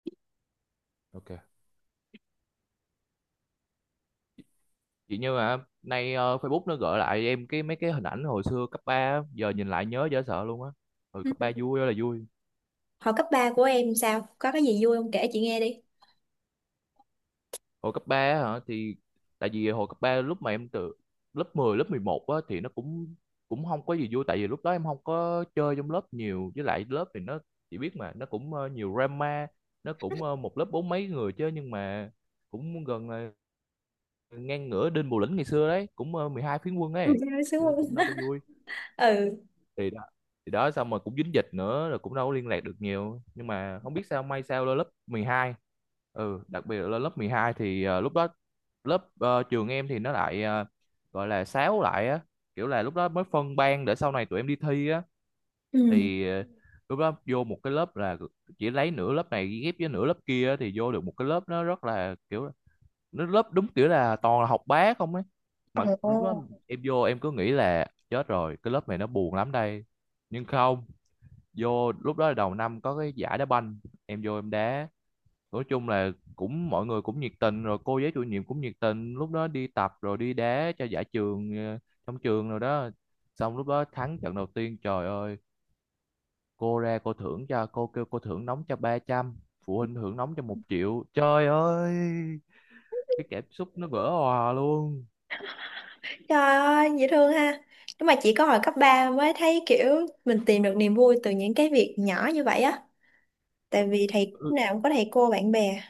OK. chỉ như mà nay Facebook nó gợi lại em cái mấy cái hình ảnh hồi xưa cấp 3, á, giờ nhìn lại nhớ dễ sợ luôn á. Hồi Ừ. cấp 3 vui ơi là vui. Hồi cấp ba của em sao? Có cái gì vui không? Kể chị nghe đi. Hồi cấp 3 á hả thì tại vì hồi cấp 3 lúc mà em từ lớp 10 lớp 11 á thì nó cũng cũng không có gì vui tại vì lúc đó em không có chơi trong lớp nhiều với lại lớp thì nó chỉ biết mà nó cũng nhiều drama. Nó cũng một lớp bốn mấy người chứ nhưng mà cũng gần là ngang ngửa Đinh Bộ Lĩnh ngày xưa đấy, cũng 12 phiến quân Ừ, ấy. em sướng Nên cũng không? đâu có vui. Ừ. Thì đó, thì đó xong rồi cũng dính dịch nữa rồi cũng đâu có liên lạc được nhiều nhưng mà không biết sao may sao lên lớp 12. Ừ, đặc biệt là lên lớp 12 thì lúc đó lớp trường em thì nó lại gọi là sáo lại á, kiểu là lúc đó mới phân ban để sau này tụi em đi thi á. Ừ. Thì lúc đó vô một cái lớp là chỉ lấy nửa lớp này ghép với nửa lớp kia á, thì vô được một cái lớp nó rất là kiểu nó lớp đúng kiểu là toàn là học bá không ấy mà lúc đó Ồ. em vô em cứ nghĩ là chết rồi cái lớp này nó buồn lắm đây. Nhưng không, vô lúc đó là đầu năm có cái giải đá banh em vô em đá, nói chung là cũng mọi người cũng nhiệt tình rồi cô giáo chủ nhiệm cũng nhiệt tình lúc đó đi tập rồi đi đá cho giải trường trong trường rồi đó. Xong lúc đó thắng trận đầu tiên trời ơi cô ra cô thưởng cho cô kêu cô thưởng nóng cho 300, phụ huynh thưởng nóng cho 1.000.000, trời ơi cái cảm xúc nó vỡ òa luôn. Trời ơi, dễ thương ha. Nhưng mà chỉ có hồi cấp ba mới thấy kiểu mình tìm được niềm vui từ những cái việc nhỏ như vậy á. Tại vì thầy lúc Ừ, nào cũng có thầy cô bạn bè.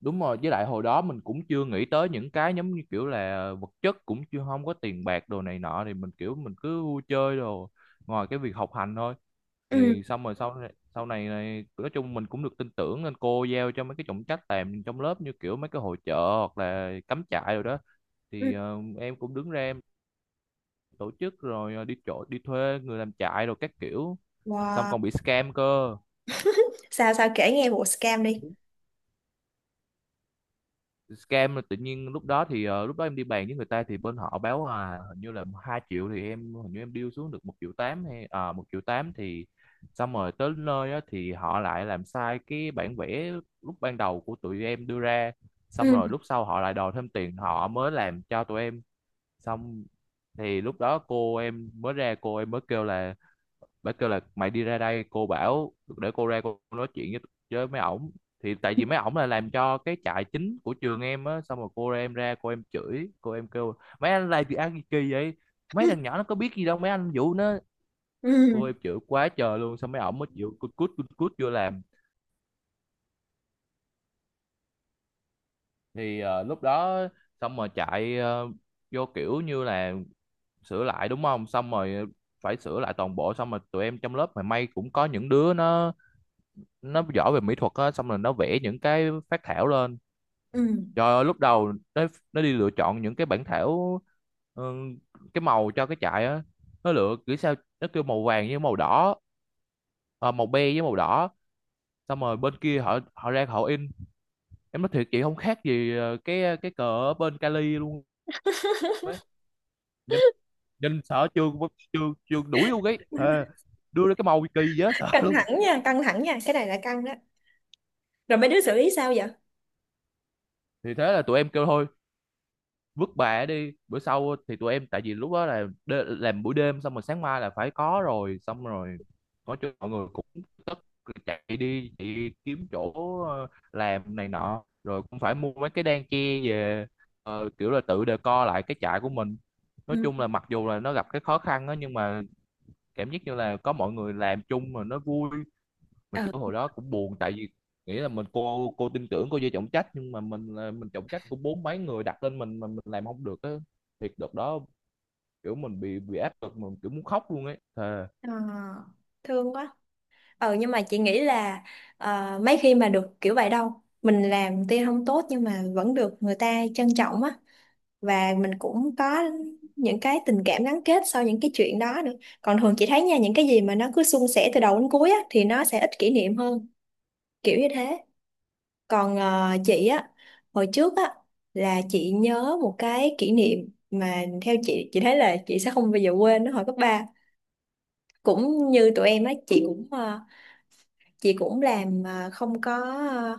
đúng rồi với lại hồi đó mình cũng chưa nghĩ tới những cái giống như kiểu là vật chất cũng chưa không có tiền bạc đồ này nọ thì mình kiểu mình cứ vui chơi đồ ngoài cái việc học hành thôi. Ừ. Thì xong rồi sau này nói chung mình cũng được tin tưởng nên cô giao cho mấy cái trọng trách làm trong lớp như kiểu mấy cái hội chợ hoặc là cắm trại rồi đó. Ừ. Thì em cũng đứng ra em tổ chức rồi đi chỗ đi thuê người làm trại rồi các kiểu, xong Wow. còn bị scam cơ. sao sao kể nghe vụ scam đi. Scam là tự nhiên lúc đó thì lúc đó em đi bàn với người ta thì bên họ báo là hình như là 2.000.000 thì em hình như em deal xuống được 1.800.000 hay 1.800.000 thì xong rồi tới nơi á, thì họ lại làm sai cái bản vẽ lúc ban đầu của tụi em đưa ra, xong Ừ. rồi lúc sau họ lại đòi thêm tiền họ mới làm cho tụi em xong. Thì lúc đó cô em mới ra cô em mới kêu là bác kêu là mày đi ra đây cô bảo để cô ra cô nói chuyện với mấy ổng. Thì tại vì mấy ổng là làm cho cái trại chính của trường em á xong rồi cô ra em ra cô em chửi cô em kêu mấy anh làm gì ăn gì kỳ vậy, mấy thằng nhỏ nó có biết gì đâu mấy anh vụ nó. Ừ. Cô em chửi quá trời luôn xong mấy ổng mới chịu cút cút cút cút vô làm. Thì lúc đó xong rồi chạy vô kiểu như là sửa lại đúng không xong rồi phải sửa lại toàn bộ. Xong rồi tụi em trong lớp mà may cũng có những đứa nó giỏi về mỹ thuật á xong rồi nó vẽ những cái phác thảo lên. Ừ. Trời ơi lúc đầu nó đi lựa chọn những cái bản thảo, ừ, cái màu cho cái trại á nó lựa kiểu sao nó kêu màu vàng với màu đỏ, à, màu be với màu đỏ. Xong rồi bên kia họ họ ra họ in, em nói thiệt chị không khác gì cái cờ ở bên Cali luôn ấy. Nhìn nhìn sợ chưa chưa chưa đuổi luôn ấy thề, đưa ra cái màu kỳ dễ sợ Căng luôn. thẳng nha, căng thẳng nha, cái này là căng đó. Rồi mấy đứa xử lý sao vậy? Thì thế là tụi em kêu thôi vứt bà đi bữa sau thì tụi em tại vì lúc đó là đê, làm buổi đêm xong rồi sáng mai là phải có rồi xong rồi có chỗ mọi người cũng tất chạy đi kiếm chỗ làm này nọ rồi cũng phải mua mấy cái đan che về, kiểu là tự decor lại cái trại của mình. Nói Ừ. chung là mặc dù là nó gặp cái khó khăn đó nhưng mà cảm giác như là có mọi người làm chung mà nó vui. Mà ờ kiểu hồi đó cũng buồn tại vì nghĩ là mình cô tin tưởng cô vô trọng trách nhưng mà mình trọng trách của bốn mấy người đặt lên mình mà mình làm không được á. Thiệt đợt đó kiểu mình bị áp lực mình kiểu muốn khóc luôn ấy thề. Ờ, thương quá. Nhưng mà chị nghĩ là, mấy khi mà được kiểu vậy đâu, mình làm tuy không tốt nhưng mà vẫn được người ta trân trọng á. Và mình cũng có những cái tình cảm gắn kết sau những cái chuyện đó nữa. Còn thường chị thấy nha, những cái gì mà nó cứ suôn sẻ từ đầu đến cuối á thì nó sẽ ít kỷ niệm hơn, kiểu như thế. Còn chị á, hồi trước á là chị nhớ một cái kỷ niệm mà theo chị thấy là chị sẽ không bao giờ quên nó hồi cấp ba. Cũng như tụi em á, chị cũng chị cũng làm ờ,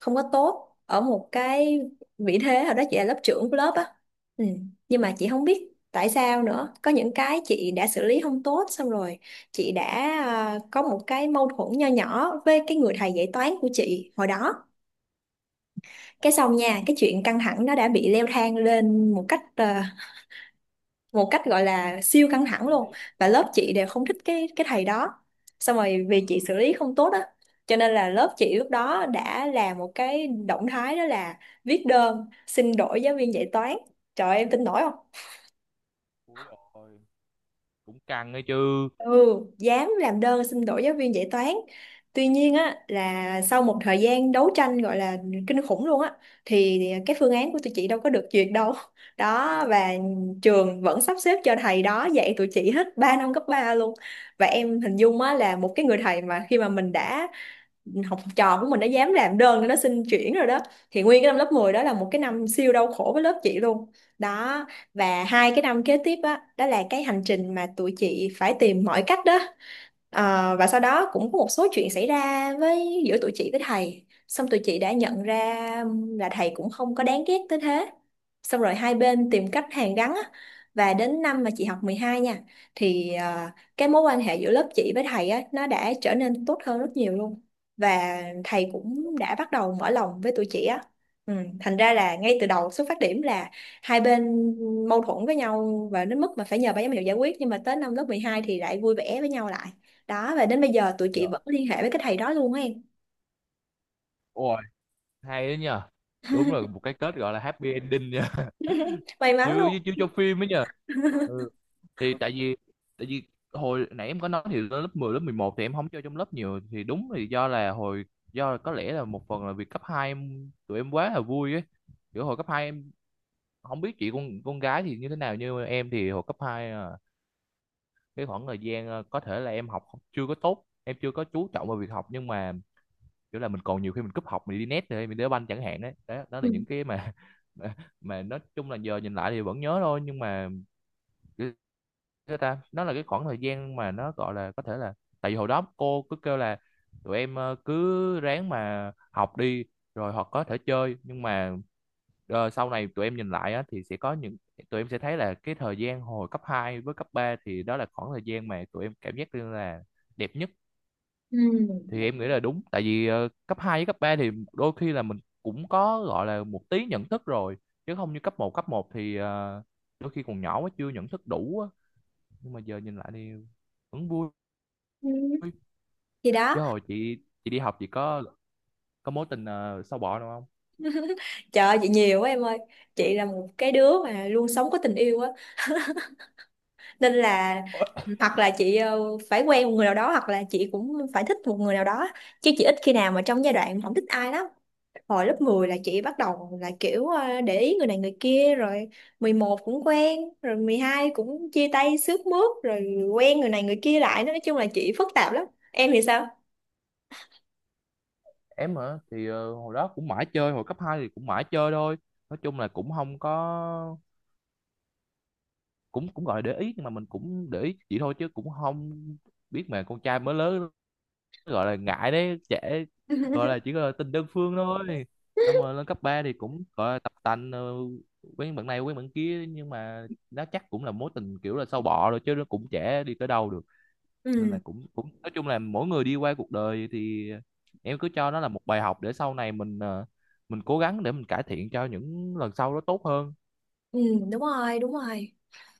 không có tốt ở một cái vị thế hồi đó chị là lớp trưởng của lớp á. Ừ. Nhưng mà chị không biết tại sao nữa, có những cái chị đã xử lý không tốt xong rồi chị đã có một cái mâu thuẫn nho nhỏ với cái người thầy dạy toán của chị hồi đó. Cái xong nha, Ồ, cái chuyện căng thẳng nó đã bị leo thang lên một cách gọi là siêu căng thẳng đến luôn. điểm Và lớp chị đến đều điểm. không thích cái thầy đó. Xong rồi Ờ, vì chị xử lý không tốt á, cho nên là lớp chị lúc đó đã làm một cái động thái đó là viết đơn xin đổi giáo viên dạy toán. Trời ơi, em tin nổi không? ui rồi cũng căng ấy chứ. Ừ, dám làm đơn xin đổi giáo viên dạy toán. Tuy nhiên á là sau một thời gian đấu tranh gọi là kinh khủng luôn á, thì cái phương án của tụi chị đâu có được duyệt đâu. Đó, và trường vẫn sắp xếp cho thầy đó dạy tụi chị hết 3 năm cấp 3 luôn. Và em hình dung á là một cái người thầy mà khi mà mình đã học trò của mình đã dám làm đơn để nó xin chuyển rồi đó, thì nguyên cái năm lớp 10 đó là một cái năm siêu đau khổ với lớp chị luôn. Đó, và hai cái năm kế tiếp á đó là cái hành trình mà tụi chị phải tìm mọi cách đó. Ờ, và sau đó cũng có một số chuyện xảy ra với giữa tụi chị với thầy xong tụi chị đã nhận ra là thầy cũng không có đáng ghét tới thế, xong rồi hai bên tìm cách hàn gắn á. Và đến năm mà chị học 12 nha, thì cái mối quan hệ giữa lớp chị với thầy á nó đã trở nên tốt hơn rất nhiều luôn. Và thầy cũng đã bắt đầu mở lòng với tụi chị á. Ừ, thành ra là ngay từ đầu xuất phát điểm là hai bên mâu thuẫn với nhau và đến mức mà phải nhờ ban giám hiệu giải quyết, nhưng mà tới năm lớp 12 thì lại vui vẻ với nhau lại. Đó, và đến bây giờ tụi Dạ, chị vẫn liên hệ với cái thầy đó luôn á em. ôi hay đấy nhờ, đúng là một cái kết gọi là happy ending nha May mắn như luôn. như, như trong phim ấy nhờ. Ừ, thì tại vì hồi nãy em có nói thì lên lớp 10, lớp 11 thì em không chơi trong lớp nhiều thì đúng thì do là hồi do là có lẽ là một phần là vì cấp 2 em, tụi em quá là vui ấy. Kiểu hồi cấp 2 em không biết chị con gái thì như thế nào nhưng mà em thì hồi cấp hai, à, cái khoảng thời gian, à, có thể là em học không- chưa có tốt em chưa có chú trọng vào việc học nhưng mà kiểu là mình còn nhiều khi mình cúp học mình đi net rồi mình đá banh chẳng hạn đấy đó, đó là Ừ. những cái mà mà, mà nói chung là giờ nhìn lại thì vẫn nhớ thôi nhưng mà thế ta nó là cái khoảng thời gian mà nó gọi là có thể là tại vì hồi đó cô cứ kêu là tụi em cứ ráng mà học đi rồi hoặc có thể chơi nhưng mà sau này tụi em nhìn lại á, thì sẽ có những tụi em sẽ thấy là cái thời gian hồi cấp 2 với cấp 3 thì đó là khoảng thời gian mà tụi em cảm giác như là đẹp nhất. Ừ. Thì em nghĩ là đúng tại vì cấp 2 với cấp 3 thì đôi khi là mình cũng có gọi là một tí nhận thức rồi chứ không như cấp một thì đôi khi còn nhỏ quá chưa nhận thức đủ á. Nhưng mà giờ nhìn lại thì vẫn vui. Ừ. Thì đó, Chứ hồi chị đi học chị có mối tình sâu bọ nào không? trời ơi, chị nhiều quá em ơi. Chị là một cái đứa mà luôn sống có tình yêu á. Nên là hoặc là chị phải quen một người nào đó, hoặc là chị cũng phải thích một người nào đó. Chứ chị ít khi nào mà trong giai đoạn không thích ai lắm. Hồi lớp 10 là chị bắt đầu là kiểu để ý người này người kia rồi, 11 cũng quen rồi, 12 cũng chia tay xước mướt rồi quen người này người kia lại, nói chung là chị phức tạp lắm. Em thì sao? Em hả, thì hồi đó cũng mãi chơi hồi cấp 2 thì cũng mãi chơi thôi, nói chung là cũng không có cũng cũng gọi là để ý nhưng mà mình cũng để ý chị thôi chứ cũng không biết mà con trai mới lớn gọi là ngại đấy trẻ, gọi là chỉ gọi là tình đơn phương thôi. Xong rồi lên cấp 3 thì cũng gọi là tập tành quen bạn này quen bạn kia nhưng mà nó chắc cũng là mối tình kiểu là sâu bọ rồi chứ nó cũng trẻ đi tới đâu được, nên là Ừ, cũng cũng nói chung là mỗi người đi qua cuộc đời thì em cứ cho nó là một bài học để sau này mình mình cố gắng để mình cải thiện cho những lần sau nó tốt hơn. ừ, đúng rồi, đúng rồi.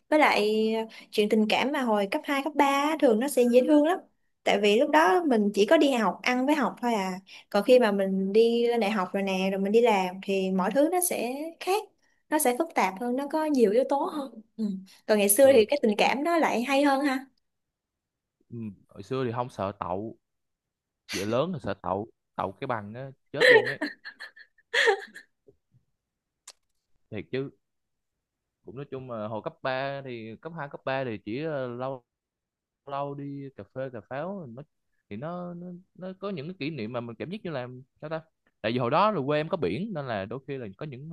Với lại chuyện tình cảm mà hồi cấp 2 cấp 3 á, thường nó sẽ dễ thương lắm. Tại vì lúc đó mình chỉ có đi học, ăn với học thôi à. Còn khi mà mình đi lên đại học rồi nè, rồi mình đi làm thì mọi thứ nó sẽ khác. Nó sẽ phức tạp hơn, nó có nhiều yếu tố hơn. Ừ. Còn ngày xưa thì Ừ, cái tình cảm nó lại hay hơn ha. ừ. Hồi xưa thì không sợ đậu, giờ lớn thì sợ đậu, đậu cái bằng á chết luôn ấy thiệt chứ. Cũng nói chung là hồi cấp 3 thì cấp 2 cấp 3 thì chỉ lâu lâu đi cà phê cà pháo, nó thì nó có những cái kỷ niệm mà mình cảm giác như là sao ta. Tại vì hồi đó là quê em có biển nên là đôi khi là có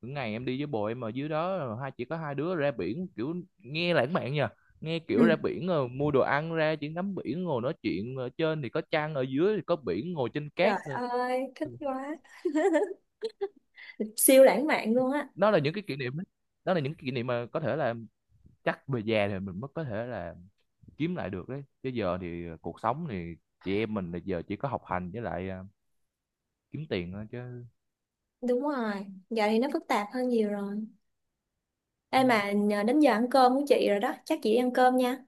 những ngày em đi với bồ em ở dưới đó chỉ có hai đứa ra biển kiểu nghe lãng mạn nha, nghe kiểu Ừ. ra biển rồi mua đồ ăn ra chỉ ngắm biển ngồi nói chuyện. Ờ, trên thì có trăng ở dưới thì có biển ngồi trên cát. Trời Ờ, ơi, thích quá. Siêu lãng mạn luôn á. đó là những cái kỷ niệm đó. Đó là những kỷ niệm mà có thể là chắc về già thì mình mới có thể là kiếm lại được đấy chứ giờ thì cuộc sống thì chị em mình là giờ chỉ có học hành với lại, à, kiếm tiền thôi chứ. Đúng rồi, giờ thì nó phức tạp hơn nhiều rồi. Ê mà nhờ đến giờ ăn cơm của chị rồi đó, chắc chị đi ăn cơm nha.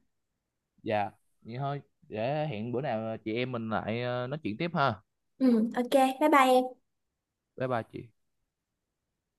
Dạ vậy thôi, để hẹn bữa nào chị em mình lại, à, nói chuyện tiếp ha. Ừ, ok, bye bye em. Bye bye chị.